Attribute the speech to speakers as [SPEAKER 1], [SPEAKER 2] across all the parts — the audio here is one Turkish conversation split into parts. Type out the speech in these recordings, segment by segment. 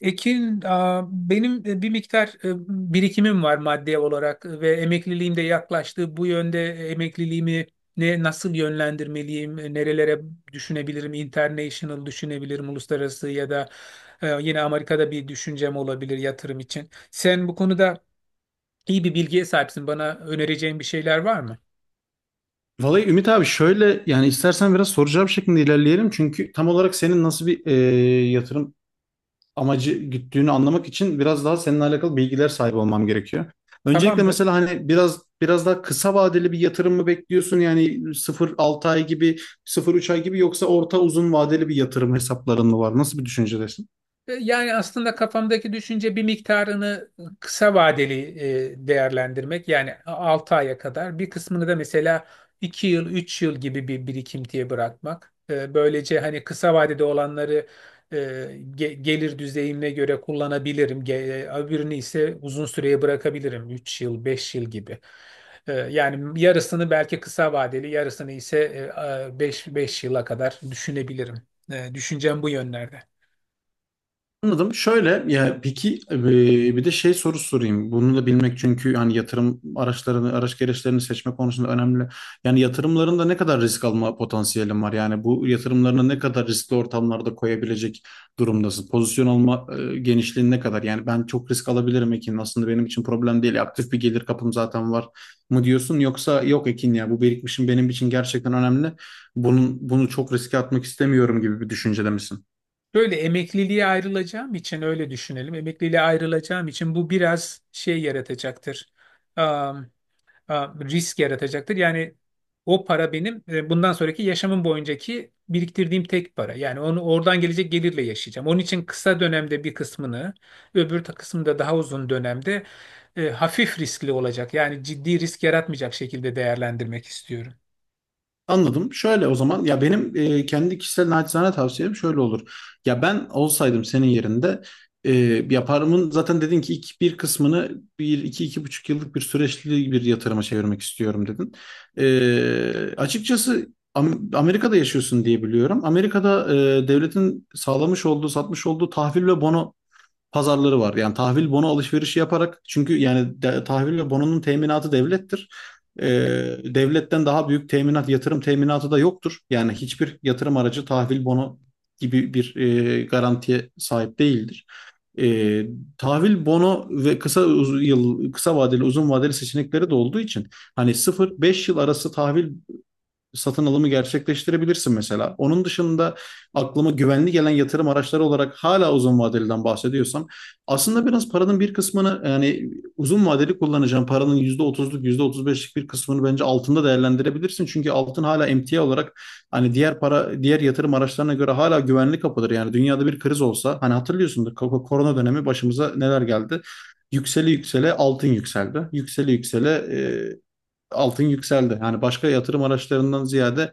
[SPEAKER 1] Ekin, benim bir miktar birikimim var maddi olarak ve emekliliğim de yaklaştı. Bu yönde emekliliğimi nasıl yönlendirmeliyim, nerelere düşünebilirim, international düşünebilirim, uluslararası ya da yine Amerika'da bir düşüncem olabilir yatırım için. Sen bu konuda iyi bir bilgiye sahipsin. Bana önereceğin bir şeyler var mı?
[SPEAKER 2] Vallahi Ümit abi şöyle yani istersen biraz soracağım cevap şeklinde ilerleyelim. Çünkü tam olarak senin nasıl bir yatırım amacı güttüğünü anlamak için biraz daha seninle alakalı bilgiler sahibi olmam gerekiyor. Öncelikle
[SPEAKER 1] Tamamdır.
[SPEAKER 2] mesela hani biraz daha kısa vadeli bir yatırım mı bekliyorsun? Yani sıfır 6 ay gibi, sıfır üç ay gibi yoksa orta uzun vadeli bir yatırım hesapların mı var? Nasıl bir düşüncedesin?
[SPEAKER 1] Yani aslında kafamdaki düşünce bir miktarını kısa vadeli değerlendirmek. Yani 6 aya kadar bir kısmını da mesela 2 yıl, 3 yıl gibi bir birikintiye bırakmak. Böylece hani kısa vadede olanları e, gelir düzeyime göre kullanabilirim. Öbürünü ise uzun süreye bırakabilirim. 3 yıl, 5 yıl gibi. Yani yarısını belki kısa vadeli, yarısını ise 5 yıla kadar düşünebilirim. Düşüncem bu yönlerde.
[SPEAKER 2] Anladım. Şöyle ya peki bir de şey soru sorayım. Bunu da bilmek çünkü yani yatırım araçlarını, araç gereçlerini seçme konusunda önemli. Yani yatırımlarında ne kadar risk alma potansiyelin var? Yani bu yatırımlarını ne kadar riskli ortamlarda koyabilecek durumdasın? Pozisyon alma genişliğin ne kadar? Yani ben çok risk alabilirim Ekin. Aslında benim için problem değil. Aktif bir gelir kapım zaten var mı diyorsun? Yoksa yok Ekin ya bu birikmişim benim için gerçekten önemli. Bunu çok riske atmak istemiyorum gibi bir düşüncede misin?
[SPEAKER 1] Böyle emekliliğe ayrılacağım için öyle düşünelim. Emekliliğe ayrılacağım için bu biraz şey yaratacaktır. Am, risk yaratacaktır. Yani o para benim bundan sonraki yaşamım boyuncaki biriktirdiğim tek para. Yani onu oradan gelecek gelirle yaşayacağım. Onun için kısa dönemde bir kısmını, kısmında daha uzun dönemde hafif riskli olacak. Yani ciddi risk yaratmayacak şekilde değerlendirmek istiyorum.
[SPEAKER 2] Anladım. Şöyle o zaman ya benim kendi kişisel naçizane tavsiyem şöyle olur. Ya ben olsaydım senin yerinde e, yaparımın zaten dedin ki ilk bir kısmını bir iki 2,5 yıllık bir süreçli bir yatırıma çevirmek istiyorum dedin. Açıkçası Amerika'da yaşıyorsun diye biliyorum. Amerika'da devletin sağlamış olduğu satmış olduğu tahvil ve bono pazarları var. Yani tahvil bono alışverişi yaparak çünkü yani tahvil ve bononun teminatı devlettir. Ee, devletten daha büyük teminat, yatırım teminatı da yoktur. Yani hiçbir yatırım aracı tahvil bono gibi bir garantiye sahip değildir. Ee, tahvil bono ve kısa yıl kısa vadeli uzun vadeli seçenekleri de olduğu için hani 0-5 yıl arası tahvil satın alımı gerçekleştirebilirsin mesela. Onun dışında aklıma güvenli gelen yatırım araçları olarak hala uzun vadeliden bahsediyorsam aslında biraz paranın bir kısmını yani uzun vadeli kullanacağım paranın yüzde otuzluk yüzde otuz beşlik bir kısmını bence altında değerlendirebilirsin. Çünkü altın hala emtia olarak hani diğer para diğer yatırım araçlarına göre hala güvenli kapıdır. Yani dünyada bir kriz olsa hani hatırlıyorsundur korona dönemi başımıza neler geldi. Yükseli yüksele altın yükseldi. Yükseli yüksele altın yükseldi. Yani başka yatırım araçlarından ziyade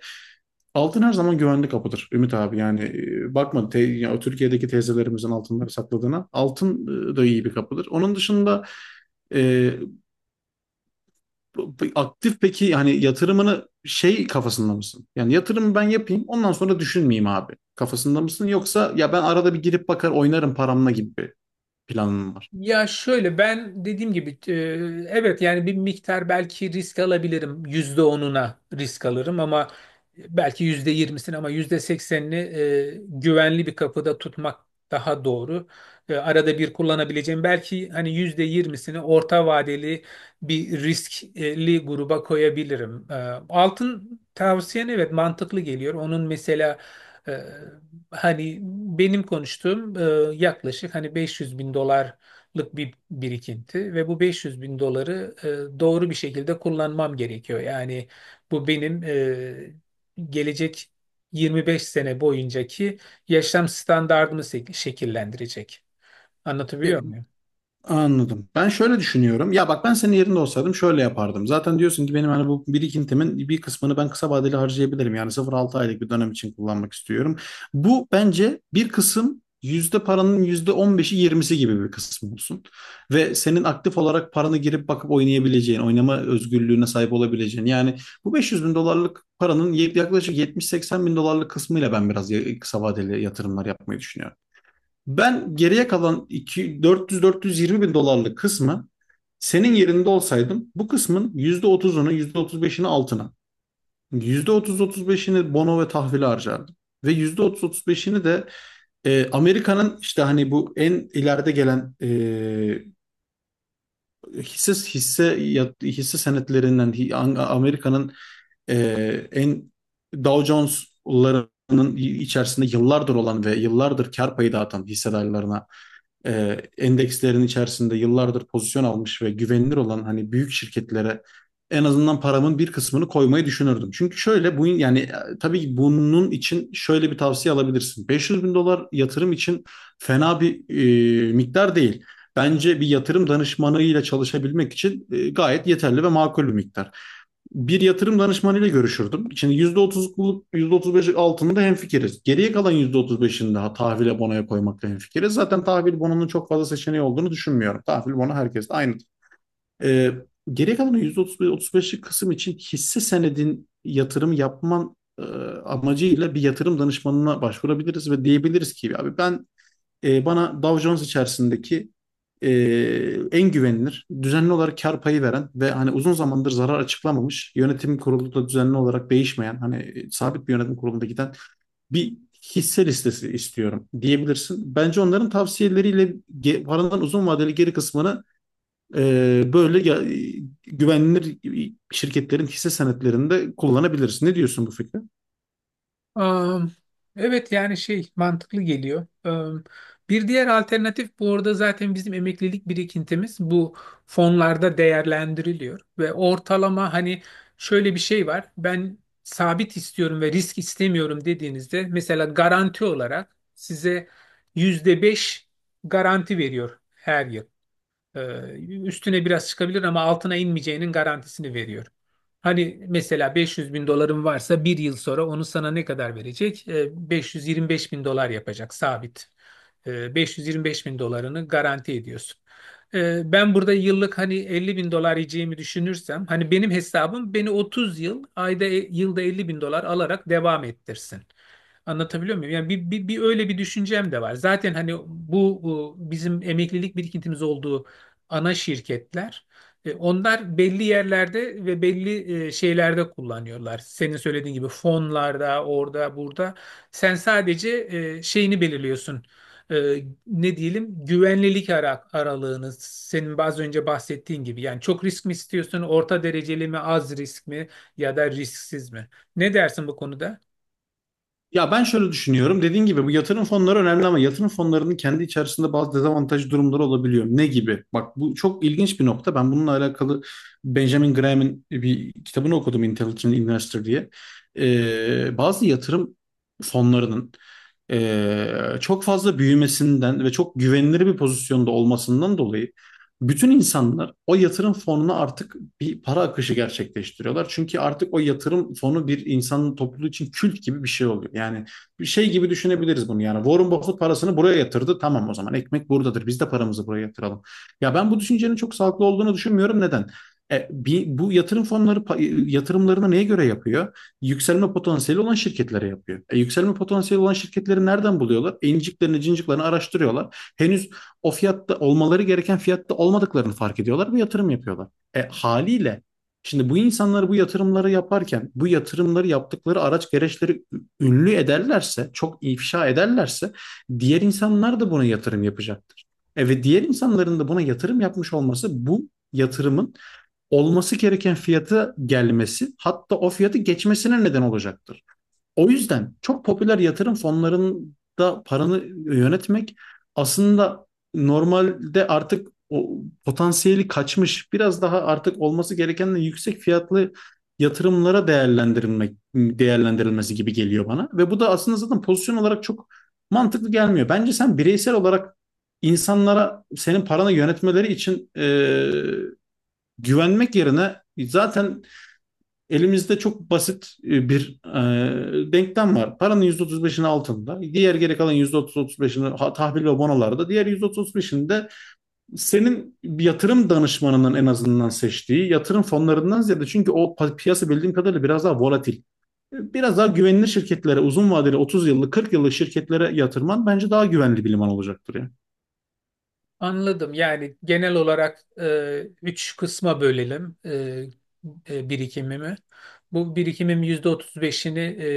[SPEAKER 2] altın her zaman güvenli kapıdır Ümit abi. Yani bakma ya Türkiye'deki teyzelerimizin altınları sakladığına altın da iyi bir kapıdır. Onun dışında e, aktif peki hani yatırımını şey kafasında mısın? Yani yatırımı ben yapayım ondan sonra düşünmeyeyim abi. Kafasında mısın? Yoksa ya ben arada bir girip bakar oynarım paramla gibi bir planın mı var?
[SPEAKER 1] Ya şöyle ben dediğim gibi evet yani bir miktar belki risk alabilirim. %10'una risk alırım ama belki %20'sini, ama %80'ini güvenli bir kapıda tutmak daha doğru. Arada bir kullanabileceğim belki hani %20'sini orta vadeli bir riskli gruba koyabilirim. Altın tavsiyen evet mantıklı geliyor. Onun mesela e, hani benim konuştuğum yaklaşık hani 500 bin dolar bir birikinti ve bu 500 bin doları doğru bir şekilde kullanmam gerekiyor. Yani bu benim gelecek 25 sene boyuncaki yaşam standardımı şekillendirecek. Anlatabiliyor muyum?
[SPEAKER 2] Anladım. Ben şöyle düşünüyorum. Ya bak ben senin yerinde olsaydım şöyle yapardım. Zaten diyorsun ki benim hani bu birikintimin bir kısmını ben kısa vadeli harcayabilirim. Yani 0-6 aylık bir dönem için kullanmak istiyorum. Bu bence bir kısım yüzde paranın yüzde on beşi yirmisi gibi bir kısım olsun. Ve senin aktif olarak paranı girip bakıp oynayabileceğin, oynama özgürlüğüne sahip olabileceğin. Yani bu 500 bin dolarlık paranın yaklaşık 70-80 bin dolarlık kısmıyla ben biraz kısa vadeli yatırımlar yapmayı düşünüyorum. Ben geriye kalan 400-420 bin dolarlık kısmı senin yerinde olsaydım bu kısmın %30'unu yüzde otuz beşini altına, %30-35'ini bono ve tahvile harcardım. Ve %30-35'ini de Amerika'nın işte hani bu en ileride gelen hisse senetlerinden Amerika'nın e, en Dow Jones'larının içerisinde yıllardır olan ve yıllardır kar payı dağıtan hissedarlarına endekslerin içerisinde yıllardır pozisyon almış ve güvenilir olan hani büyük şirketlere en azından paramın bir kısmını koymayı düşünürdüm. Çünkü şöyle bu yani tabii bunun için şöyle bir tavsiye alabilirsin. 500 bin dolar yatırım için fena bir miktar değil. Bence bir yatırım danışmanıyla çalışabilmek için gayet yeterli ve makul bir miktar bir yatırım danışmanıyla görüşürdüm. Şimdi %30'luk, %35'lik altında hemfikiriz. Geriye kalan %35'ini daha tahvile bonoya koymakla hemfikiriz. Zaten tahvil bonunun çok fazla seçeneği olduğunu düşünmüyorum. Tahvil bonu herkeste aynı. Ee, geriye kalan %35'lik kısım için hisse senedin yatırım yapman amacıyla bir yatırım danışmanına başvurabiliriz ve diyebiliriz ki abi ben bana Dow Jones içerisindeki e, en güvenilir, düzenli olarak kar payı veren ve hani uzun zamandır zarar açıklamamış, yönetim kurulu da düzenli olarak değişmeyen, hani sabit bir yönetim kurulunda giden bir hisse listesi istiyorum diyebilirsin. Bence onların tavsiyeleriyle paranın uzun vadeli geri kısmını böyle güvenilir şirketlerin hisse senetlerinde kullanabilirsin. Ne diyorsun bu fikre?
[SPEAKER 1] Am, Evet yani şey mantıklı geliyor. Bir diğer alternatif, bu arada zaten bizim emeklilik birikintimiz bu fonlarda değerlendiriliyor ve ortalama hani şöyle bir şey var. Ben sabit istiyorum ve risk istemiyorum dediğinizde mesela garanti olarak size %5 garanti veriyor her yıl. Ee, Üstüne biraz çıkabilir ama altına inmeyeceğinin garantisini veriyor. Hani mesela 500 bin doların varsa bir yıl sonra onu sana ne kadar verecek? 525 bin dolar yapacak sabit. 525 bin dolarını garanti ediyorsun. Ben burada yıllık hani 50 bin dolar yiyeceğimi düşünürsem hani benim hesabım beni 30 yıl ayda yılda 50 bin dolar alarak devam ettirsin. Anlatabiliyor muyum? Yani bir öyle bir düşüncem de var. Zaten hani bu bizim emeklilik birikintimiz olduğu ana şirketler. Onlar belli yerlerde ve belli şeylerde kullanıyorlar. Senin söylediğin gibi fonlarda, orada, burada. Sen sadece şeyini belirliyorsun. E, Ne diyelim, güvenlilik aralığını senin az önce bahsettiğin gibi, yani çok risk mi istiyorsun, orta dereceli mi, az risk mi ya da risksiz mi, ne dersin bu konuda?
[SPEAKER 2] Ya ben şöyle düşünüyorum. Dediğin gibi bu yatırım fonları önemli ama yatırım fonlarının kendi içerisinde bazı dezavantaj durumları olabiliyor. Ne gibi? Bak bu çok ilginç bir nokta. Ben bununla alakalı Benjamin Graham'in bir kitabını okudum Intelligent Investor diye. Bazı yatırım fonlarının çok fazla büyümesinden ve çok güvenilir bir pozisyonda olmasından dolayı bütün insanlar o yatırım fonuna artık bir para akışı gerçekleştiriyorlar. Çünkü artık o yatırım fonu bir insanın topluluğu için kült gibi bir şey oluyor. Yani bir şey gibi düşünebiliriz bunu yani. Warren Buffett parasını buraya yatırdı. Tamam o zaman ekmek buradadır. Biz de paramızı buraya yatıralım. Ya ben bu düşüncenin çok sağlıklı olduğunu düşünmüyorum. Neden? Bir, bu yatırım fonları yatırımlarını neye göre yapıyor? Yükselme potansiyeli olan şirketlere yapıyor. Yükselme potansiyeli olan şirketleri nereden buluyorlar? İnciklerini, cinciklerini araştırıyorlar henüz o fiyatta olmaları gereken fiyatta olmadıklarını fark ediyorlar ve yatırım yapıyorlar. Haliyle şimdi bu insanlar bu yatırımları yaparken bu yatırımları yaptıkları araç gereçleri ünlü ederlerse, çok ifşa ederlerse diğer insanlar da buna yatırım yapacaktır. Ve diğer insanların da buna yatırım yapmış olması bu yatırımın olması gereken fiyata gelmesi hatta o fiyatı geçmesine neden olacaktır. O yüzden çok popüler yatırım fonlarında paranı yönetmek aslında normalde artık o potansiyeli kaçmış, biraz daha artık olması gerekenden yüksek fiyatlı yatırımlara değerlendirilmesi gibi geliyor bana ve bu da aslında zaten pozisyon olarak çok mantıklı gelmiyor. Bence sen bireysel olarak insanlara senin paranı yönetmeleri için güvenmek yerine zaten elimizde çok basit bir denklem var. Paranın %35'ini altında, diğer geri kalan %30-35'ini tahvil ve bonolarda, diğer %30-35'ini de senin yatırım danışmanının en azından seçtiği yatırım fonlarından ziyade çünkü o piyasa bildiğim kadarıyla biraz daha volatil. Biraz daha güvenilir şirketlere, uzun vadeli 30 yıllık, 40 yıllık şirketlere yatırman bence daha güvenli bir liman olacaktır ya.
[SPEAKER 1] Anladım. Yani genel olarak üç kısma bölelim birikimimi. Bu birikimim %35'ini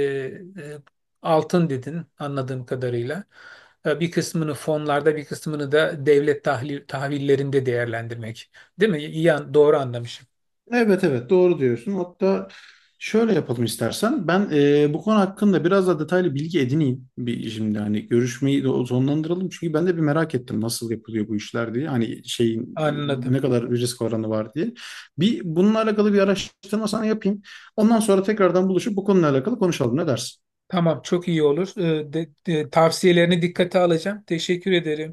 [SPEAKER 1] e, altın dedin anladığım kadarıyla. Bir kısmını fonlarda, bir kısmını da devlet tahvillerinde değerlendirmek. Değil mi? İyi, doğru anlamışım.
[SPEAKER 2] Evet evet doğru diyorsun. Hatta şöyle yapalım istersen. Ben bu konu hakkında biraz daha detaylı bilgi edineyim. Bir, şimdi hani görüşmeyi de sonlandıralım. Çünkü ben de bir merak ettim nasıl yapılıyor bu işler diye. Hani şeyin
[SPEAKER 1] Anladım.
[SPEAKER 2] ne kadar risk oranı var diye. Bir bununla alakalı bir araştırma sana yapayım. Ondan sonra tekrardan buluşup bu konuyla alakalı konuşalım. Ne dersin?
[SPEAKER 1] Tamam, çok iyi olur. Tavsiyelerini dikkate alacağım. Teşekkür ederim.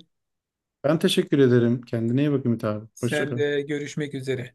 [SPEAKER 2] Ben teşekkür ederim. Kendine iyi bak Ümit abi. Hoşça
[SPEAKER 1] Sen
[SPEAKER 2] kal.
[SPEAKER 1] de, görüşmek üzere.